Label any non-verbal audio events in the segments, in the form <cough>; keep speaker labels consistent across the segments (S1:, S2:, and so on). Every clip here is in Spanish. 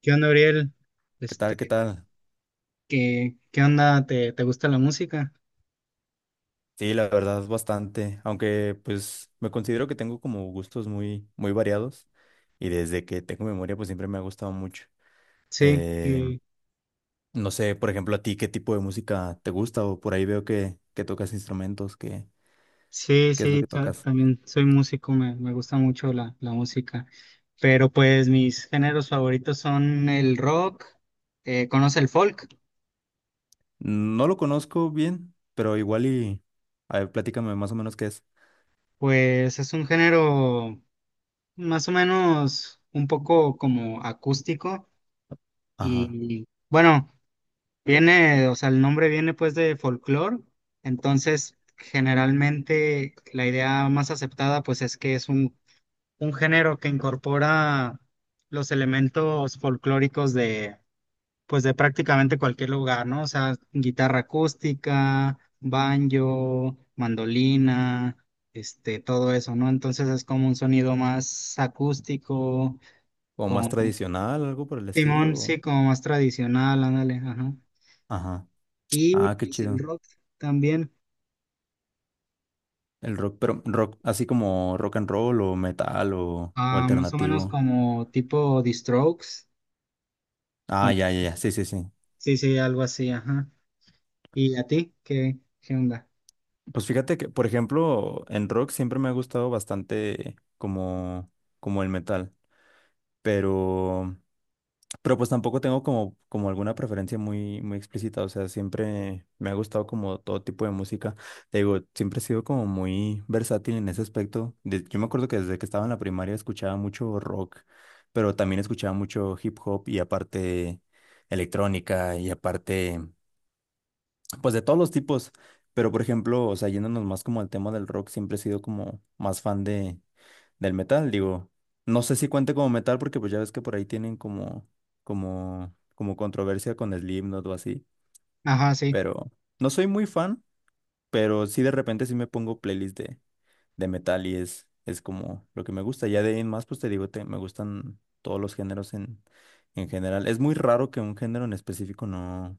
S1: ¿Qué onda, Ariel?
S2: ¿Qué
S1: Este,
S2: tal? ¿Qué tal?
S1: ¿Qué onda? ¿Te gusta la música?
S2: Sí, la verdad, bastante. Aunque, pues, me considero que tengo como gustos muy variados. Y desde que tengo memoria, pues siempre me ha gustado mucho.
S1: Sí,
S2: Eh,
S1: que-
S2: no sé, por ejemplo, a ti, ¿qué tipo de música te gusta? O por ahí veo que tocas instrumentos. ¿Qué, qué es lo que tocas?
S1: También soy músico, me gusta mucho la música. Pero pues mis géneros favoritos son el rock. ¿Conoce el folk?
S2: No lo conozco bien, pero igual y... A ver, platícame más o menos qué es.
S1: Pues es un género más o menos un poco como acústico
S2: Ajá.
S1: y bueno, viene, o sea, el nombre viene pues de folclore. Entonces generalmente la idea más aceptada pues es que es un género que incorpora los elementos folclóricos de, pues, de prácticamente cualquier lugar, ¿no? O sea, guitarra acústica, banjo, mandolina, todo eso, ¿no? Entonces es como un sonido más acústico,
S2: O más
S1: con...
S2: tradicional, algo por el estilo.
S1: Simón, sí, como más tradicional, ándale, ajá.
S2: Ajá.
S1: Y
S2: Ah, qué
S1: pues el
S2: chido.
S1: rock también,
S2: El rock, pero rock, así como rock and roll o metal o
S1: ah, más o menos
S2: alternativo.
S1: como tipo The Strokes.
S2: Ah, ya, ya, ya,
S1: ¿Conoces?
S2: sí, sí, sí.
S1: Sí, sí, algo así, ajá. ¿Y a ti? ¿Qué onda?
S2: Pues fíjate que, por ejemplo, en rock siempre me ha gustado bastante como el metal, pero Pero pues tampoco tengo como alguna preferencia muy explícita, o sea, siempre me ha gustado como todo tipo de música. Te digo, siempre he sido como muy versátil en ese aspecto. Yo me acuerdo que desde que estaba en la primaria escuchaba mucho rock, pero también escuchaba mucho hip hop y aparte electrónica y aparte, pues de todos los tipos. Pero por ejemplo, o sea, yéndonos más como al tema del rock, siempre he sido como más fan de del metal, digo, no sé si cuente como metal porque pues ya ves que por ahí tienen como controversia con Slipknot o así,
S1: Ajá, sí,
S2: pero no soy muy fan, pero sí de repente sí me pongo playlist de metal y es como lo que me gusta, ya de ahí en más pues te digo, me gustan todos los géneros en general, es muy raro que un género en específico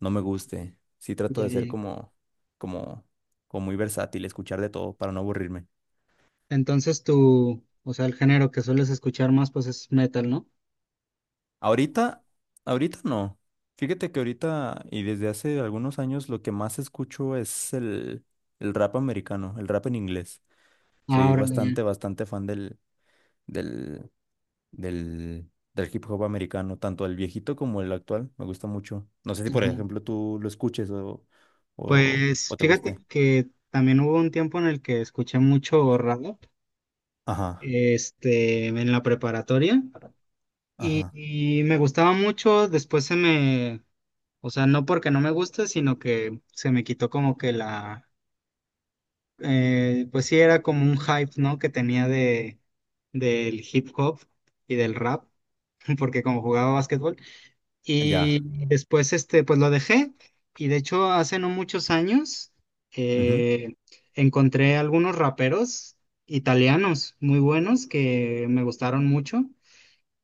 S2: no me guste, sí trato
S1: ya,
S2: de ser
S1: ya.
S2: como, como muy versátil, escuchar de todo para no aburrirme.
S1: Entonces tú, o sea, el género que sueles escuchar más, pues es metal, ¿no?
S2: Ahorita, ahorita no. Fíjate que ahorita y desde hace algunos años lo que más escucho es el rap americano, el rap en inglés. Soy
S1: Ahora, ya.
S2: bastante, bastante fan del, del hip hop americano, tanto el viejito como el actual. Me gusta mucho. No sé si, por
S1: Ajá.
S2: ejemplo, tú lo escuches
S1: Pues
S2: o te guste.
S1: fíjate que también hubo un tiempo en el que escuché mucho rap,
S2: Ajá,
S1: en la preparatoria. Y,
S2: ajá.
S1: y me gustaba mucho, después se me... O sea, no porque no me guste, sino que se me quitó como que la... Pues sí era como un hype, ¿no? Que tenía de, del hip hop y del rap, <laughs> porque como jugaba básquetbol.
S2: Ya.
S1: Y después, pues lo dejé. Y de hecho, hace no muchos años,
S2: Ujú.
S1: eh, encontré algunos raperos italianos muy buenos que me gustaron mucho.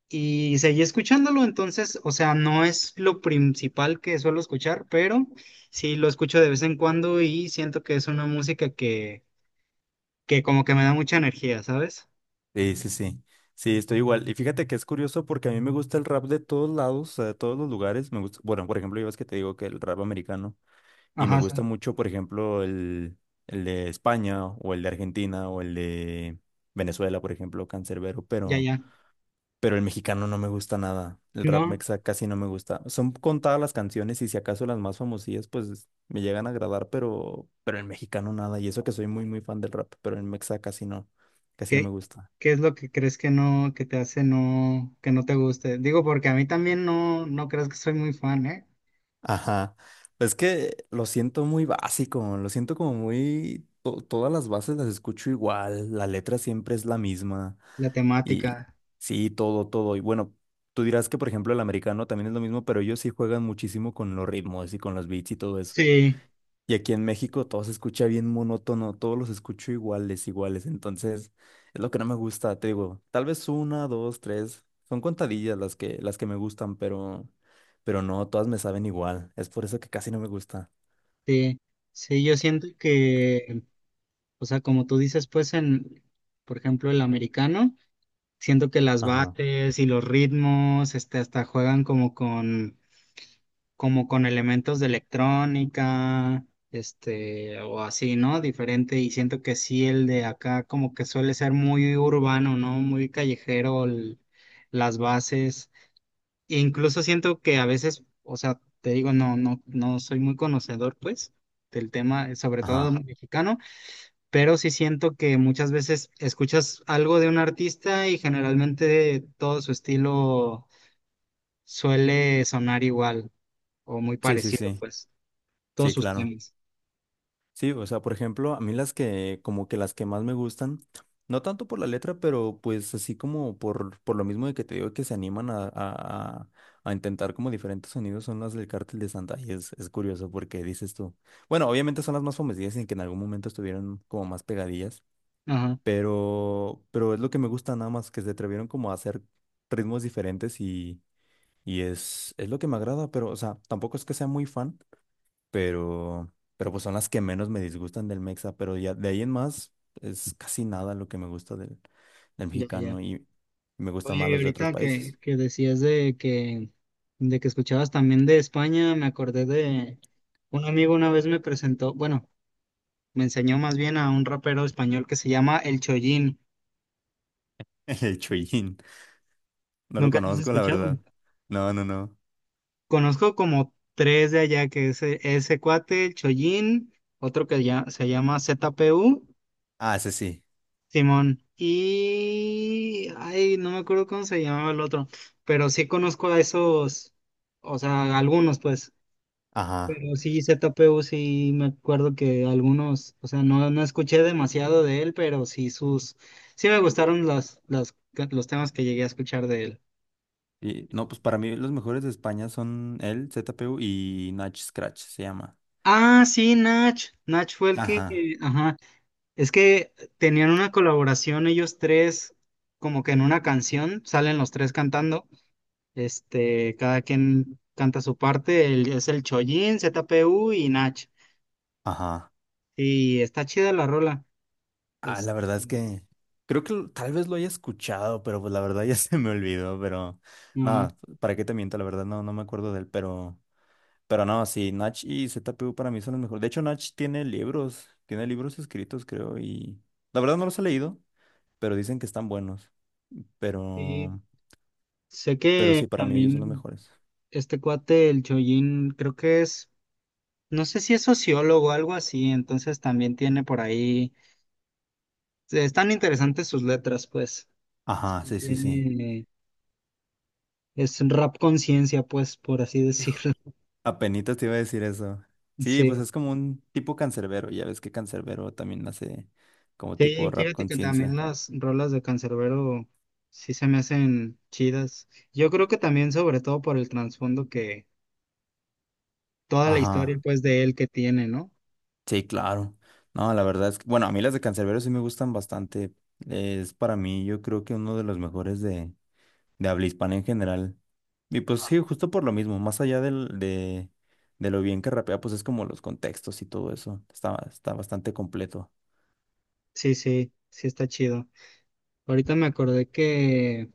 S1: Y seguí escuchándolo, entonces, o sea, no es lo principal que suelo escuchar, pero sí lo escucho de vez en cuando y siento que es una música que como que me da mucha energía, ¿sabes?
S2: Sí, sí, sí. Sí, estoy igual. Y fíjate que es curioso porque a mí me gusta el rap de todos lados, de todos los lugares. Me gusta, bueno, por ejemplo, yo ves que te digo que el rap americano y me
S1: Ajá,
S2: gusta
S1: sí,
S2: mucho, por ejemplo, el de España o el de Argentina o el de Venezuela, por ejemplo, Cancerbero,
S1: ya, ya.
S2: pero el mexicano no me gusta nada. El rap
S1: ¿No?
S2: mexa casi no me gusta. Son contadas las canciones y si acaso las más famosillas, pues me llegan a agradar, pero el mexicano nada. Y eso que soy muy fan del rap, pero el mexa casi casi no me
S1: ¿Qué,
S2: gusta.
S1: qué es lo que crees que no, que te hace no, que no te guste? Digo, porque a mí también no, no crees que soy muy fan, ¿eh?
S2: Ajá. Es que lo siento muy básico, lo siento como muy... todas las bases las escucho igual, la letra siempre es la misma
S1: La
S2: y
S1: temática.
S2: sí, todo, todo. Y bueno, tú dirás que por ejemplo el americano también es lo mismo, pero ellos sí juegan muchísimo con los ritmos y con los beats y todo eso.
S1: Sí,
S2: Y aquí en México todo se escucha bien monótono, todos los escucho iguales, iguales. Entonces, es lo que no me gusta, te digo, tal vez una, dos, tres, son contadillas las las que me gustan, pero no, todas me saben igual. Es por eso que casi no me gusta.
S1: sí, sí, yo siento o sea, como tú dices, pues en, por ejemplo, el americano. Siento que las
S2: Ajá,
S1: bases y los ritmos, hasta juegan como con elementos de electrónica, o así, ¿no? Diferente. Y siento que sí, el de acá como que suele ser muy urbano, ¿no? Muy callejero, las bases. E incluso siento que a veces, o sea, te digo, no, no, no soy muy conocedor, pues, del tema, sobre
S2: ajá.
S1: todo mexicano, pero sí siento que muchas veces escuchas algo de un artista y generalmente todo su estilo suele sonar igual o muy
S2: Sí, sí,
S1: parecido,
S2: sí.
S1: pues, todos
S2: Sí,
S1: sus
S2: claro.
S1: temas.
S2: Sí, o sea, por ejemplo, a mí como que las que más me gustan, no tanto por la letra, pero pues así como por lo mismo de que te digo que se animan a intentar como diferentes sonidos, son las del Cártel de Santa. Y es curioso porque dices tú, bueno, obviamente son las más famosas y que en algún momento estuvieron como más pegadillas,
S1: Ajá,
S2: pero es lo que me gusta nada más, que se atrevieron como a hacer ritmos diferentes y es lo que me agrada, pero, o sea, tampoco es que sea muy fan pero pues son las que menos me disgustan del Mexa, pero ya de ahí en más es casi nada lo que me gusta del
S1: ya, ya.
S2: mexicano y me gustan más
S1: Oye, y
S2: los de otros
S1: ahorita que,
S2: países.
S1: que decías de que escuchabas también de España, me acordé de un amigo una vez me presentó, bueno, me enseñó más bien a un rapero español que se llama El Chollín.
S2: <laughs> El chollín, no lo
S1: ¿Nunca lo has
S2: conozco, la
S1: escuchado?
S2: verdad. No, no, no.
S1: Conozco como tres de allá, que es ese cuate, el Chollín, otro que ya se llama Z P U,
S2: Ah, ese sí.
S1: Simón, y... Ay, no me acuerdo cómo se llamaba el otro, pero sí conozco a esos, o sea, algunos pues,
S2: Ajá.
S1: pero sí, Z P U sí me acuerdo que algunos, o sea, no, no escuché demasiado de él, pero sí sus, sí me gustaron los temas que llegué a escuchar de él.
S2: Y no, pues para mí los mejores de España son el ZPU y Nach Scratch se llama.
S1: Ah, sí, Nach. Nach fue el que,
S2: Ajá,
S1: ajá, es que tenían una colaboración ellos tres, como que en una canción, salen los tres cantando, cada quien canta su parte, es el Chollín, ZPU y Nach.
S2: ajá.
S1: Y está chida la rola.
S2: Ah,
S1: Este,
S2: la verdad es que creo que tal vez lo haya escuchado, pero pues la verdad ya <laughs> se me olvidó, pero
S1: ajá.
S2: nada, ¿para qué te miento? La verdad no, no me acuerdo de él, pero no, sí, Nach y ZPU para mí son los mejores. De hecho, Nach tiene libros escritos, creo, y la verdad no los he leído, pero dicen que están buenos,
S1: Y
S2: pero,
S1: sé
S2: pero
S1: que
S2: sí, para mí ellos son los
S1: también
S2: mejores.
S1: este cuate, el Chollín, creo que es... no sé si es sociólogo o algo así, entonces también tiene por ahí, están interesantes sus letras, pues. Sí,
S2: Ajá, sí, sí, sí.
S1: tiene... es un rap conciencia, pues, por así <laughs>
S2: Hijo,
S1: decirlo.
S2: apenitas te iba a decir eso. Sí,
S1: Sí.
S2: pues es como un tipo cancerbero, ya ves que cancerbero también hace como tipo
S1: Sí,
S2: rap
S1: fíjate que también
S2: conciencia.
S1: las rolas de Canserbero sí se me hacen chidas. Yo creo que también, sobre todo por el trasfondo que... toda la historia,
S2: Ajá,
S1: pues, de él que tiene, ¿no?
S2: sí, claro. No, la verdad es que, bueno, a mí las de Canserbero sí me gustan bastante. Es para mí, yo creo que uno de los mejores de habla hispana en general. Y pues sí, justo por lo mismo, más allá de lo bien que rapea, pues es como los contextos y todo eso. Está, está bastante completo.
S1: Sí, sí, sí está chido. Ahorita me acordé que,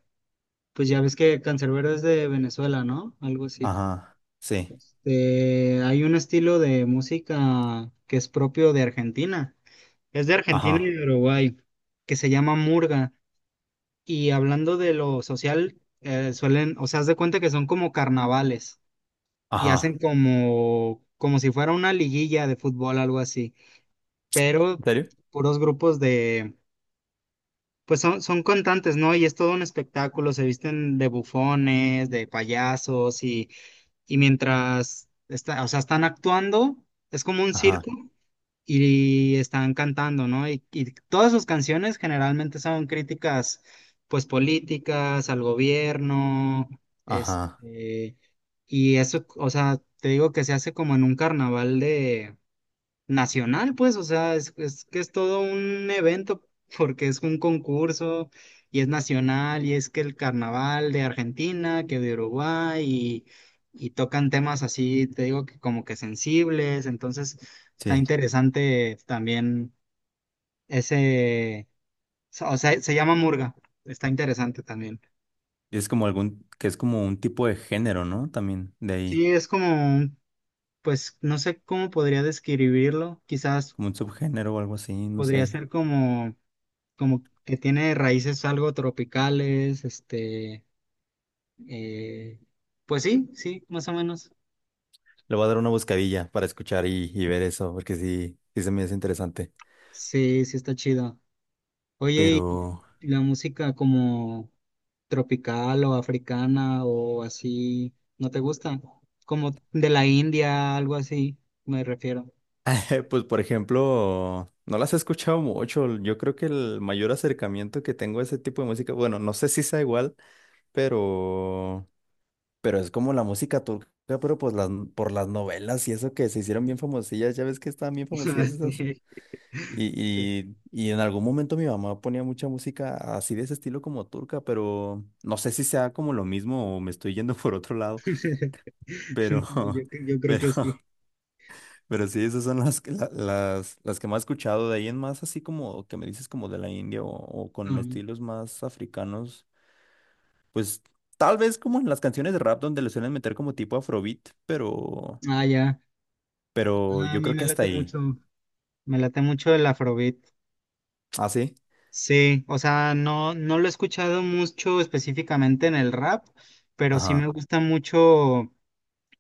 S1: pues ya ves que Canserbero es de Venezuela, ¿no? Algo así.
S2: Ajá, sí,
S1: Hay un estilo de música que es propio de Argentina. Es de Argentina y
S2: ajá,
S1: de Uruguay, que se llama murga. Y hablando de lo social, suelen, o sea, haz de cuenta que son como carnavales y hacen
S2: ajá.
S1: como, como si fuera una liguilla de fútbol, algo así, pero
S2: ¿En serio?
S1: puros grupos de, pues son, son cantantes, ¿no? Y es todo un espectáculo, se visten de bufones, de payasos y mientras, está, o sea, están actuando, es como un
S2: Ajá,
S1: circo y están cantando, ¿no? Y todas sus canciones generalmente son críticas, pues, políticas, al gobierno,
S2: ajá,
S1: este, y eso, o sea, te digo que se hace como en un carnaval de... nacional, pues, o sea, es que es todo un evento porque es un concurso y es nacional y es que el carnaval de Argentina, que de Uruguay y tocan temas así, te digo que como que sensibles, entonces está
S2: sí.
S1: interesante también ese, o sea, se llama Murga, está interesante también.
S2: Y es como algún, que es como un tipo de género, ¿no? También de ahí,
S1: Sí, es como, pues, no sé cómo podría describirlo, quizás
S2: como un subgénero o algo así, no
S1: podría
S2: sé.
S1: ser como... como que tiene raíces algo tropicales, eh, pues sí, sí, más o menos.
S2: Le voy a dar una buscadilla para escuchar y ver eso, porque sí, sí se me hace interesante.
S1: Sí, sí está chido.
S2: Pero,
S1: Oye, ¿y la música como tropical o africana o así, no te gusta? Como de la India, algo así, me refiero.
S2: <laughs> pues por ejemplo, no las he escuchado mucho. Yo creo que el mayor acercamiento que tengo a ese tipo de música, bueno, no sé si sea igual, pero, pero es como la música turca, pero pues las, por las novelas y eso que se hicieron bien famosillas, ya ves que estaban bien famosillas
S1: <laughs>
S2: esas.
S1: Sí,
S2: Y, y en algún momento mi mamá ponía mucha música así de ese estilo como turca, pero no sé si sea como lo mismo o me estoy yendo <laughs> por otro lado.
S1: sí. <laughs>
S2: Pero,
S1: No, yo,
S2: <laughs>
S1: yo creo que
S2: pero,
S1: sí.
S2: pero sí, esas son las, las que más he escuchado. De ahí en más, así como que me dices como de la India o
S1: Ajá.
S2: con estilos más africanos, pues tal vez como en las canciones de rap donde le suelen meter como tipo afrobeat,
S1: Ah, ya.
S2: pero
S1: Ah, a
S2: yo
S1: mí
S2: creo que hasta ahí.
S1: me late mucho el Afrobeat.
S2: Ah, sí.
S1: Sí, o sea, no, no lo he escuchado mucho específicamente en el rap, pero sí me
S2: Ajá.
S1: gusta mucho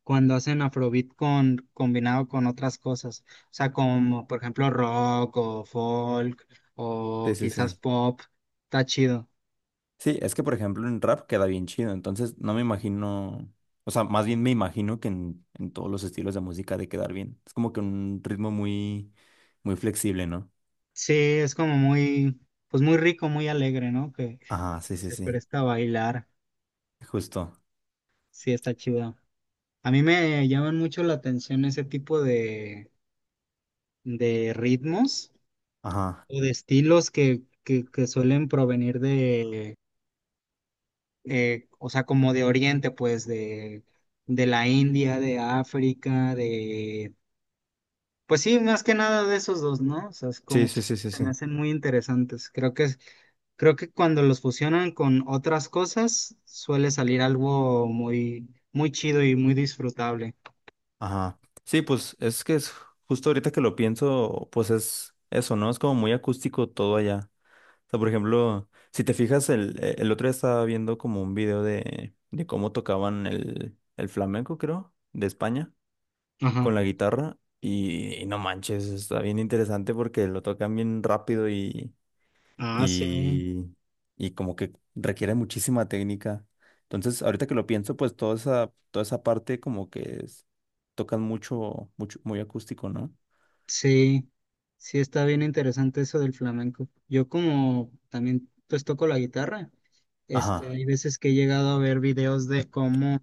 S1: cuando hacen Afrobeat con, combinado con otras cosas, o sea, como por ejemplo rock o folk
S2: Sí,
S1: o
S2: sí,
S1: quizás
S2: sí.
S1: pop, está chido.
S2: Sí, es que por ejemplo en rap queda bien chido, entonces no me imagino, o sea, más bien me imagino que en todos los estilos de música ha de quedar bien. Es como que un ritmo muy flexible, ¿no?
S1: Sí, es como muy, pues muy rico, muy alegre, ¿no?
S2: Ajá, sí,
S1: Que
S2: sí,
S1: se
S2: sí.
S1: presta a bailar,
S2: Justo.
S1: sí, está chido. A mí me llaman mucho la atención ese tipo de ritmos,
S2: Ajá.
S1: o de estilos que suelen provenir de, o sea, como de Oriente, pues de la India, de África, de, pues sí, más que nada de esos dos, ¿no? O sea, es
S2: Sí,
S1: como que
S2: sí, sí, sí,
S1: se me
S2: sí.
S1: hacen muy interesantes. Creo que, creo que cuando los fusionan con otras cosas, suele salir algo muy, muy chido y muy disfrutable.
S2: Ajá. Sí, pues es que es justo ahorita que lo pienso, pues es eso, ¿no? Es como muy acústico todo allá. O sea, por ejemplo, si te fijas, el otro día estaba viendo como un video de cómo tocaban el flamenco, creo, de España,
S1: Ajá.
S2: con la guitarra. Y no manches, está bien interesante porque lo tocan bien rápido
S1: Ah, sí,
S2: y, y como que requiere muchísima técnica. Entonces, ahorita que lo pienso, pues toda esa parte como tocan mucho, mucho, muy acústico, ¿no?
S1: sí, sí está bien interesante eso del flamenco. Yo como también pues toco la guitarra.
S2: Ajá,
S1: Hay veces que he llegado a ver videos de cómo,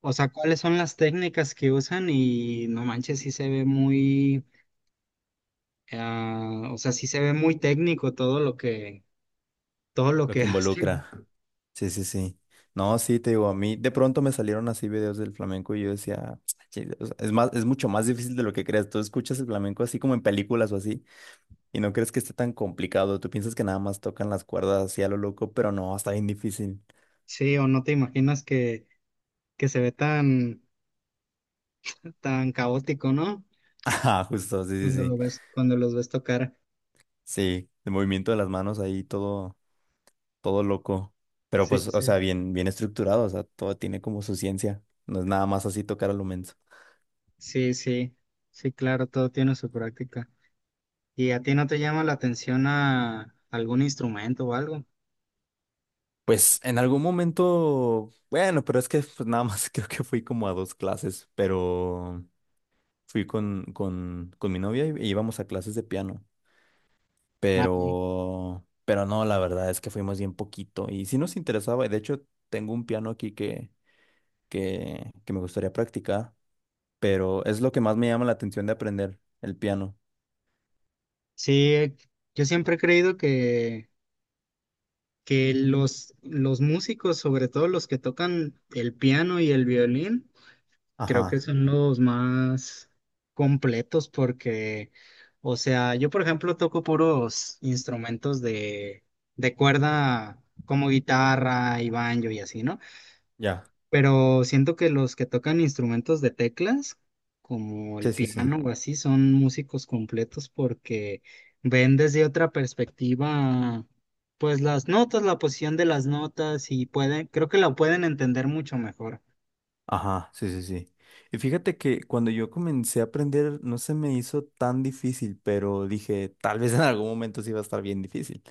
S1: o sea, cuáles son las técnicas que usan y no manches, sí se ve muy, ah, o sea, sí se ve muy técnico todo lo
S2: lo
S1: que <laughs>
S2: que
S1: hacen.
S2: involucra. Sí, sí, sí. No, sí, te digo, a mí de pronto me salieron así videos del flamenco y yo decía, "Ch-" "Che, o sea, es más, es mucho más difícil de lo que crees. Tú escuchas el flamenco así como en películas o así y no crees que esté tan complicado. Tú piensas que nada más tocan las cuerdas así a lo loco, pero no, está bien difícil." <laughs>
S1: Sí, o no te imaginas que se ve tan, tan caótico, ¿no?
S2: Ajá, justo, sí,
S1: Cuando
S2: sí, sí.
S1: lo ves, cuando los ves tocar.
S2: Sí, el movimiento de las manos ahí todo, todo loco. Pero
S1: Sí,
S2: pues, o
S1: sí,
S2: sea, bien, bien estructurado, o sea, todo tiene como su ciencia. No es nada más así tocar a lo menso.
S1: sí, sí, sí, claro, todo tiene su práctica. ¿Y a ti no te llama la atención a algún instrumento o algo?
S2: Pues en algún momento, bueno, pero es que pues nada más <laughs> creo que fui como a dos clases, pero fui con mi novia y íbamos a clases de piano.
S1: Ah, ya.
S2: Pero no, la verdad es que fuimos bien poquito. Y sí nos interesaba, y de hecho tengo un piano aquí que me gustaría practicar. Pero es lo que más me llama la atención de aprender, el piano.
S1: Sí, yo siempre he creído que los músicos, sobre todo los que tocan el piano y el violín, creo que
S2: Ajá.
S1: son los más completos porque, o sea, yo por ejemplo toco puros instrumentos de cuerda como guitarra y banjo y así, ¿no?
S2: Ya.
S1: Pero siento que los que tocan instrumentos de teclas, como el
S2: Sí, sí, sí.
S1: piano o así, son músicos completos porque ven desde otra perspectiva, pues las notas, la posición de las notas y pueden, creo que la pueden entender mucho mejor.
S2: Ajá, sí, sí, sí. Y fíjate que cuando yo comencé a aprender no se me hizo tan difícil, pero dije, tal vez en algún momento sí va a estar bien difícil.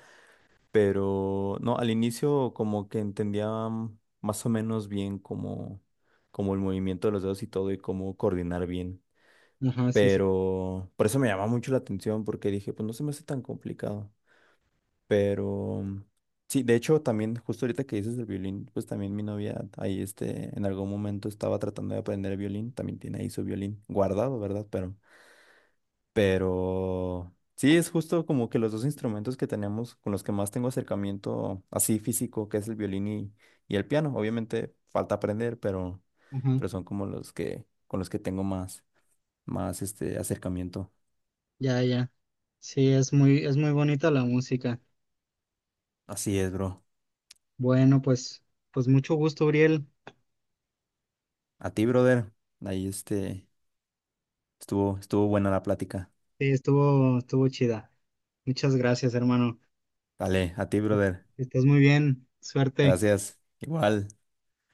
S2: Pero no, al inicio como que entendía más o menos bien como el movimiento de los dedos y todo y cómo coordinar bien.
S1: Ajá, sí, sí.
S2: Pero por eso me llamó mucho la atención porque dije, pues no se me hace tan complicado. Pero sí, de hecho, también justo ahorita que dices el violín, pues también mi novia ahí este, en algún momento estaba tratando de aprender el violín, también tiene ahí su violín guardado, ¿verdad? Pero sí, es justo como que los dos instrumentos que tenemos, con los que más tengo acercamiento así físico, que es el violín y el piano. Obviamente falta aprender,
S1: Ajá,
S2: pero son como los que, con los que tengo más, más este acercamiento.
S1: ya, ya. Sí, es muy bonita la música.
S2: Así es, bro.
S1: Bueno, pues, pues mucho gusto, Uriel.
S2: A ti, brother. Ahí este, estuvo, estuvo buena la plática.
S1: Sí, estuvo, estuvo chida. Muchas gracias, hermano.
S2: Vale, a ti,
S1: Est-
S2: brother.
S1: Estás muy bien. Suerte.
S2: Gracias. Igual.